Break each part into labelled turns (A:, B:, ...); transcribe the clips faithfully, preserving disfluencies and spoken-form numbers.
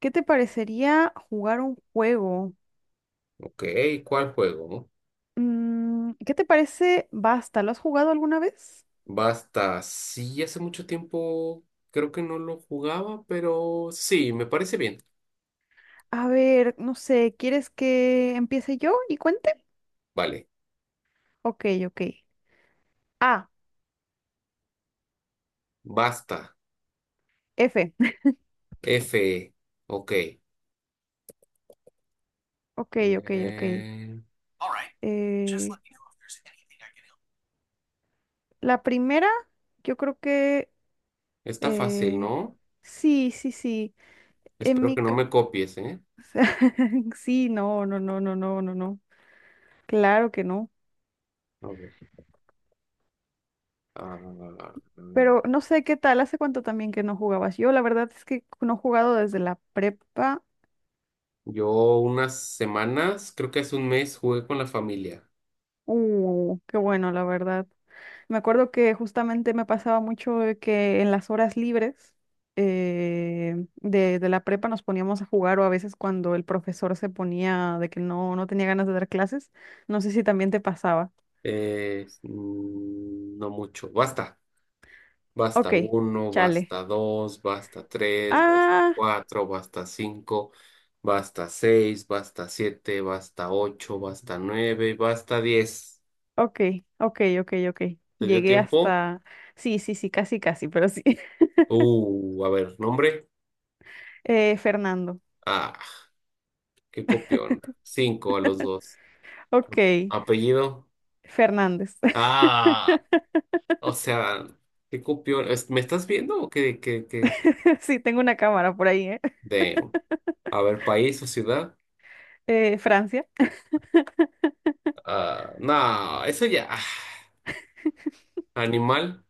A: ¿Qué te parecería jugar un juego?
B: Ok, ¿cuál juego?
A: Mm, ¿qué te parece Basta? ¿Lo has jugado alguna vez?
B: Basta. Sí, hace mucho tiempo creo que no lo jugaba, pero sí, me parece bien.
A: A ver, no sé, ¿quieres que empiece yo y cuente?
B: Vale,
A: Ok, ok. A,
B: basta.
A: F.
B: F. Ok.
A: Ok, ok, ok.
B: Eh, All right,
A: Eh, la primera, yo creo que...
B: está fácil,
A: eh,
B: ¿no?
A: sí, sí, sí. En
B: Espero
A: mi...
B: que no
A: ca-
B: me copies, ¿eh?
A: Sí, no, no, no, no, no, no, no. Claro que no.
B: A ver. ah, mm,
A: Pero no sé qué tal, hace cuánto también que no jugabas. Yo la verdad es que no he jugado desde la prepa.
B: yo unas semanas, creo que hace un mes, jugué con la familia.
A: Uh, qué bueno, la verdad. Me acuerdo que justamente me pasaba mucho de que en las horas libres eh, de, de la prepa nos poníamos a jugar o a veces cuando el profesor se ponía de que no, no tenía ganas de dar clases. No sé si también te pasaba.
B: Eh, mm, no mucho. Basta. Basta
A: Ok,
B: uno,
A: chale.
B: basta dos, basta tres, basta
A: Ah,
B: cuatro, basta cinco, basta seis, basta siete, basta ocho, basta nueve, basta diez.
A: ok, ok, ok, ok.
B: ¿Te dio
A: Llegué
B: tiempo?
A: hasta... Sí, sí, sí, casi, casi, pero sí.
B: Uh, a ver, nombre.
A: Eh, Fernando.
B: Ah, qué copión. Cinco a los dos.
A: Ok,
B: Apellido.
A: Fernández.
B: Ah, o sea, qué copión. Es- ¿Me estás viendo o qué, qué, qué?
A: Sí, tengo una cámara por ahí, ¿eh?
B: Damn. A ver, país o ciudad.
A: Eh, Francia.
B: Ah, no, eso ya. Animal.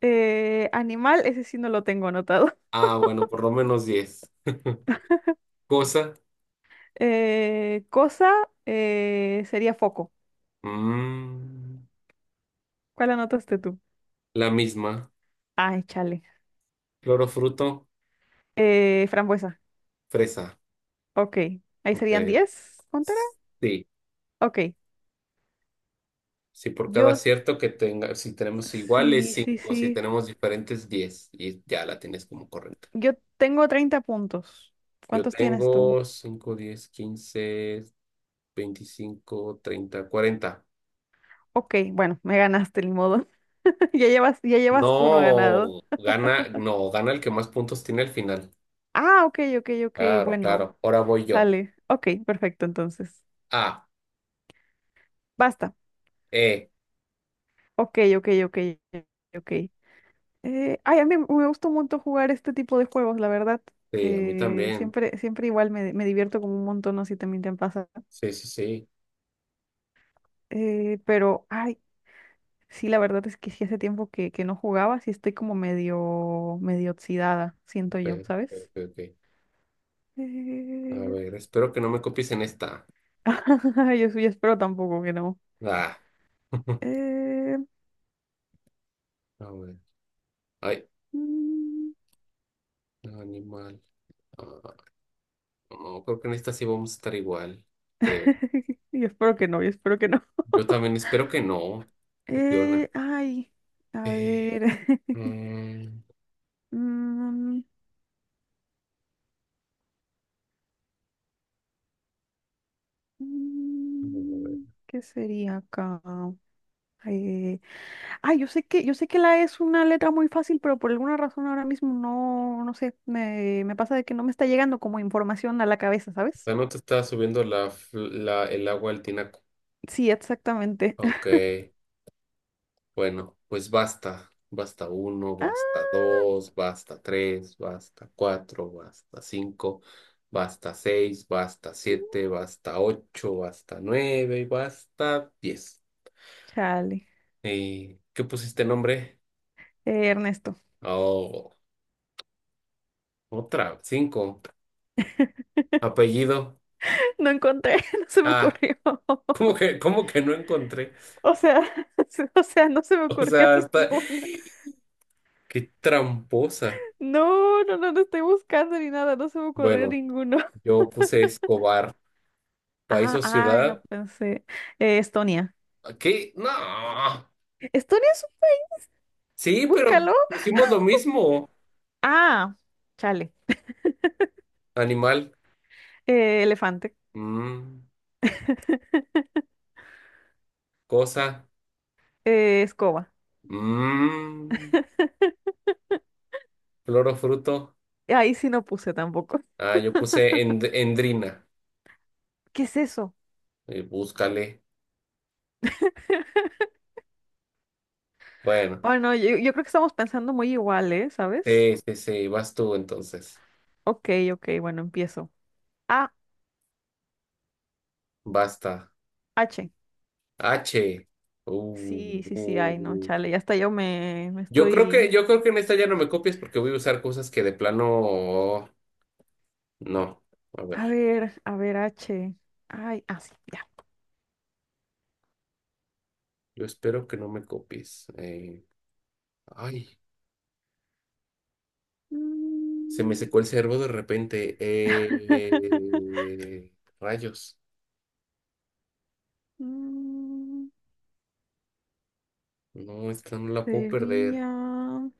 A: Eh, animal, ese sí no lo tengo anotado.
B: Ah, bueno, por lo menos diez. Cosa,
A: Eh, cosa, eh, sería foco.
B: mm,
A: ¿Cuál anotaste tú?
B: la misma.
A: Ay, chale.
B: Clorofruto,
A: Eh, frambuesa.
B: fresa.
A: Ok, ahí
B: Ok,
A: serían diez. ¿Cuánto era?
B: sí,
A: Ok,
B: si por cada
A: yo,
B: acierto que tenga, si tenemos iguales,
A: sí, sí,
B: cinco, si
A: sí.
B: tenemos diferentes, diez y ya la tienes como correcta.
A: Yo tengo treinta puntos.
B: Yo
A: ¿Cuántos tienes tú?
B: tengo cinco, diez, quince, veinticinco, treinta, cuarenta.
A: Ok, bueno, me ganaste, ni modo. Ya llevas, ya llevas uno ganado.
B: No, gana, no, gana el que más puntos tiene al final.
A: Ah, ok, ok, ok.
B: Claro,
A: Bueno.
B: claro. Ahora voy yo.
A: Sale. Ok, perfecto, entonces.
B: A,
A: Basta.
B: E.
A: Ok, ok, ok, ok. Eh, ay, a mí me gusta un montón jugar este tipo de juegos, la verdad.
B: Sí, a mí
A: Eh,
B: también.
A: siempre, siempre igual me, me divierto como un montón, no sé si también te pasa.
B: Sí, sí, sí.
A: Eh, pero, ay, sí, la verdad es que sí hace tiempo que, que no jugaba, sí estoy como medio, medio oxidada, siento
B: Ok,
A: yo,
B: ok,
A: ¿sabes?
B: ok, ok. A
A: Eh,
B: ver, espero que no me copies en esta.
A: yo, sí espero tampoco que no.
B: Ah.
A: Eh,
B: A ver. Ay,
A: mm,
B: animal. Ah, no, creo que en esta sí vamos a estar igual, creo.
A: Yo espero que no, yo espero que no.
B: Yo también espero que no, copiona.
A: Eh, ay, a
B: Eh,
A: ver.
B: mm,
A: Mm,
B: a
A: mm,
B: ver.
A: ¿Qué sería acá? Eh, ay, yo sé que, yo sé que la E es una letra muy fácil, pero por alguna razón ahora mismo no, no sé, me, me pasa de que no me está llegando como información a la cabeza, ¿sabes?
B: Ya no te está subiendo la, fl- la, el agua al tinaco.
A: Sí, exactamente.
B: Ok. Bueno, pues basta, basta uno,
A: Ah,
B: basta dos, basta tres, basta cuatro, basta cinco, basta seis, basta siete, basta ocho, basta nueve y basta diez.
A: chale.
B: ¿Y qué pusiste nombre?
A: Eh, Ernesto.
B: Oh, otra, cinco. Apellido.
A: No encontré, no se me
B: Ah,
A: ocurrió.
B: ¿cómo que, cómo que no encontré?
A: O sea, o sea, no se me
B: O
A: ocurrió
B: sea, hasta.
A: ninguno.
B: Qué tramposa.
A: No, no, no, no estoy buscando ni nada, no se me ocurrió
B: Bueno,
A: ninguno.
B: yo puse Escobar, país
A: Ah,
B: o
A: ay, no
B: ciudad.
A: pensé. Eh, Estonia.
B: ¿Qué? No.
A: Estonia es un...
B: Sí, pero
A: Búscalo.
B: pusimos lo mismo.
A: Ah, chale.
B: Animal,
A: Eh, elefante.
B: mm, cosa,
A: Eh, escoba.
B: mm, flor o fruto.
A: Ahí sí no puse tampoco.
B: Ah, yo puse end- endrina.
A: ¿Qué es eso?
B: Eh, búscale. Bueno,
A: Bueno, yo, yo creo que estamos pensando muy igual, ¿eh? ¿Sabes?
B: sí, sí, sí, vas tú entonces.
A: Ok, ok, bueno, empiezo. A,
B: Basta.
A: H.
B: H. Uh,
A: Sí,
B: uh,
A: sí, sí, ay, no,
B: uh.
A: chale, ya hasta yo me, me
B: Yo creo que,
A: estoy...
B: yo creo que en esta ya no me copies porque voy a usar cosas que de plano no. A ver,
A: A ver, a ver, H. Ay, ah, sí, ya.
B: yo espero que no me copies. Eh, ay. Se me
A: Mm,
B: secó el cerebro de repente. Eh, rayos.
A: mm,
B: No, esta no la puedo perder.
A: Sería... No,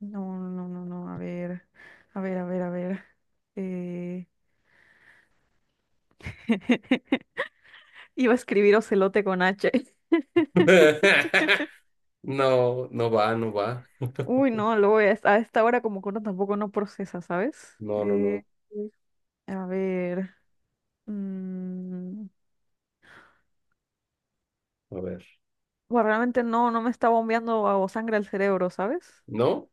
A: no, no, no, no, a ver, a ver, a ver, a ver. Eh... Iba a escribir ocelote con H.
B: No, no va, no va.
A: Uy, no, luego voy a, esta a esta hora como que uno tampoco no procesa, ¿sabes?
B: No, no, no.
A: Eh, a ver. mm,
B: A ver.
A: Bueno, realmente no, no me está bombeando a- o sangre al cerebro, ¿sabes?
B: No,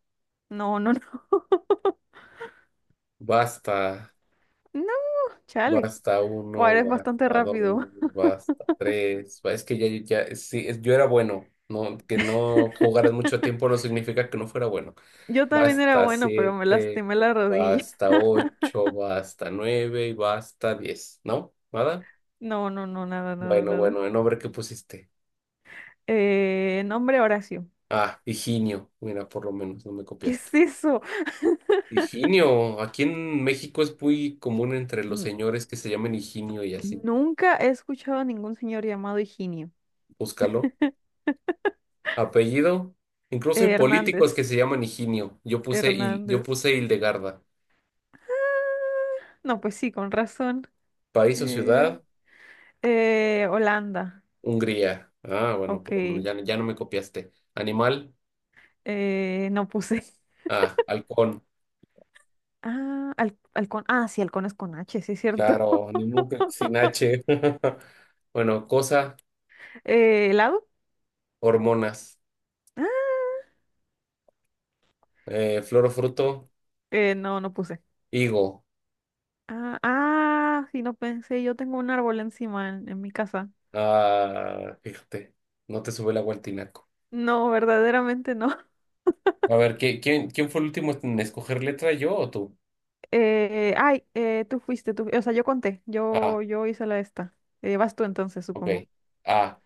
A: No, no, no.
B: basta.
A: No, chale.
B: Basta
A: Bueno,
B: uno,
A: eres bastante
B: basta dos,
A: rápido.
B: basta tres. Es que ya, ya, sí, es- yo era bueno. No, que no jugaras mucho tiempo no significa que no fuera bueno.
A: Yo también era
B: Basta
A: bueno, pero me
B: siete,
A: lastimé la rodilla.
B: basta ocho, basta nueve y basta diez. ¿No? ¿Nada?
A: No, no, no, nada, nada,
B: Bueno,
A: nada.
B: bueno, el nombre que pusiste.
A: Eh, nombre Horacio.
B: Ah, Higinio. Mira, por lo menos no me
A: ¿Qué
B: copiaste.
A: es eso?
B: Higinio. Aquí en México es muy común entre los
A: N-
B: señores que se llamen Higinio y así.
A: nunca he escuchado a ningún señor llamado Higinio.
B: Búscalo. Apellido. Incluso hay
A: Eh,
B: políticos que
A: Hernández.
B: se llaman Higinio. Yo puse, Hil- yo
A: Hernández.
B: puse Hildegarda.
A: No, pues sí, con razón.
B: País o
A: Eh,
B: ciudad,
A: eh, Holanda.
B: Hungría. Ah, bueno,
A: Ok.
B: por lo menos ya, ya no me copiaste. Animal.
A: Eh, no puse.
B: Ah, halcón.
A: Ah, al, halcón. Ah, sí, halcón es con H, sí es cierto.
B: Claro, ni modo que sin H. Bueno, cosa,
A: Eh, ¿helado?
B: hormonas.
A: Ah,
B: Eh, flor o fruto.
A: eh, no, no puse.
B: Higo.
A: Ah, ah, sí, no pensé, yo tengo un árbol encima en, en mi casa.
B: Ah, fíjate, no te sube la agua al tinaco.
A: No, verdaderamente no.
B: A ver, ¿qué- quién, quién fue el último en escoger letra, yo o tú?
A: Eh, ay, eh, tú fuiste, tú, o sea, yo conté,
B: Ah,
A: yo, yo hice la esta. Eh, vas tú entonces,
B: ok.
A: supongo.
B: A,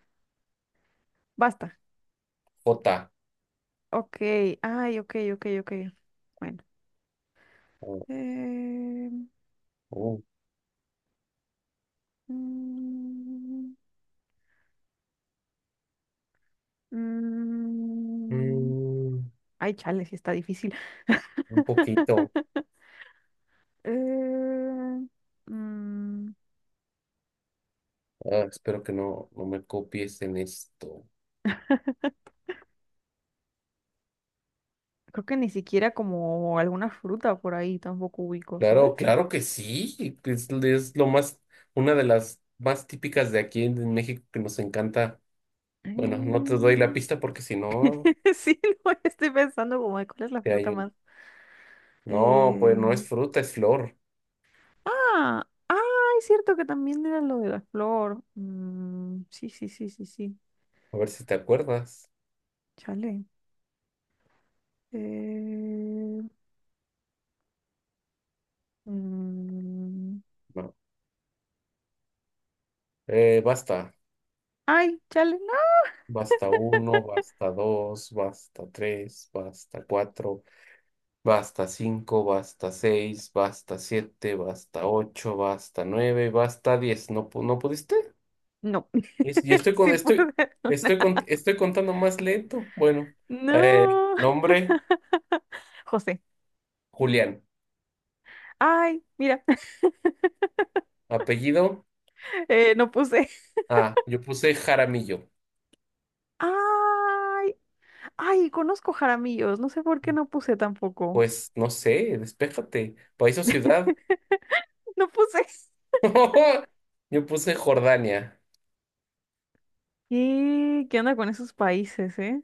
A: Basta.
B: J.
A: Ok, ay, ok, ok, ok. Bueno.
B: U,
A: Eh,
B: U.
A: mm, mm,
B: Mm,
A: Ay, chale, sí está difícil.
B: un poquito.
A: Eh, mm,
B: Ah, espero que no, no me copies en esto.
A: Creo que ni siquiera como alguna fruta por ahí tampoco ubico, ¿sabes?
B: Claro, claro que sí. Es, es lo más, una de las más típicas de aquí en, en México que nos encanta. Bueno, no te doy la
A: Mm,
B: pista porque si no,
A: sí, no, estoy pensando como de cuál es la
B: te
A: fruta
B: ayudo.
A: más.
B: No, pues no
A: Eh,
B: es fruta, es flor.
A: Ah, ah, es cierto que también era lo de la flor. Mm, sí, sí, sí, sí, sí.
B: A ver si te acuerdas.
A: Chale. Eh, mm,
B: No. Eh, basta.
A: Ay, chale, no.
B: Basta uno, basta dos, basta tres, basta cuatro, basta cinco, basta seis, basta siete, basta ocho, basta nueve, basta diez. ¿No, pu- no pudiste?
A: No.
B: Es- Y estoy con,
A: Sí
B: estoy,
A: pude. Ver una.
B: estoy con- estoy contando más lento. Bueno, eh,
A: No.
B: nombre,
A: José.
B: Julián.
A: Ay, mira,
B: Apellido,
A: eh, no puse.
B: ah, yo puse Jaramillo.
A: Ay, ay, conozco Jaramillos, no sé por qué no puse tampoco.
B: Pues no sé, despéjate. País o ciudad.
A: No puse.
B: Yo puse Jordania.
A: ¿Qué? ¿Qué onda con esos países, eh?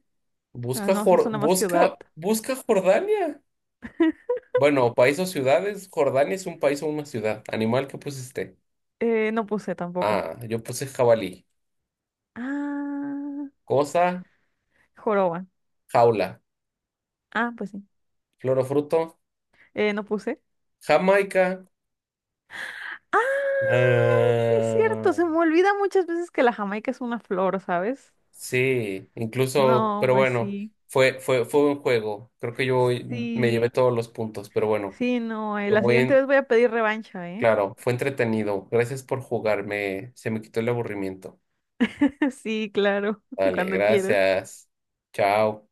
A: Ah,
B: Busca,
A: no, esa es
B: Jor-
A: una más ciudad.
B: busca, busca Jordania. Bueno, país o ciudades. Jordania es un país o una ciudad. Animal que pusiste.
A: Eh, no puse tampoco.
B: Ah, yo puse jabalí.
A: Ah,
B: Cosa,
A: joroba.
B: jaula.
A: Ah, pues sí.
B: Flor o fruto,
A: Eh, no puse.
B: Jamaica.
A: Ay, sí es
B: Ah,
A: cierto, se me olvida muchas veces que la Jamaica es una flor, ¿sabes?
B: sí, incluso,
A: No,
B: pero
A: pues
B: bueno,
A: sí.
B: fue, fue, fue un juego. Creo que yo me llevé
A: Sí,
B: todos los puntos, pero bueno,
A: sí, no, eh,
B: fue
A: la
B: muy
A: siguiente
B: en-
A: vez voy a pedir revancha, ¿eh?
B: claro, fue entretenido. Gracias por jugarme. Se me quitó el aburrimiento.
A: Sí, claro,
B: Vale,
A: cuando quieras.
B: gracias. Chao.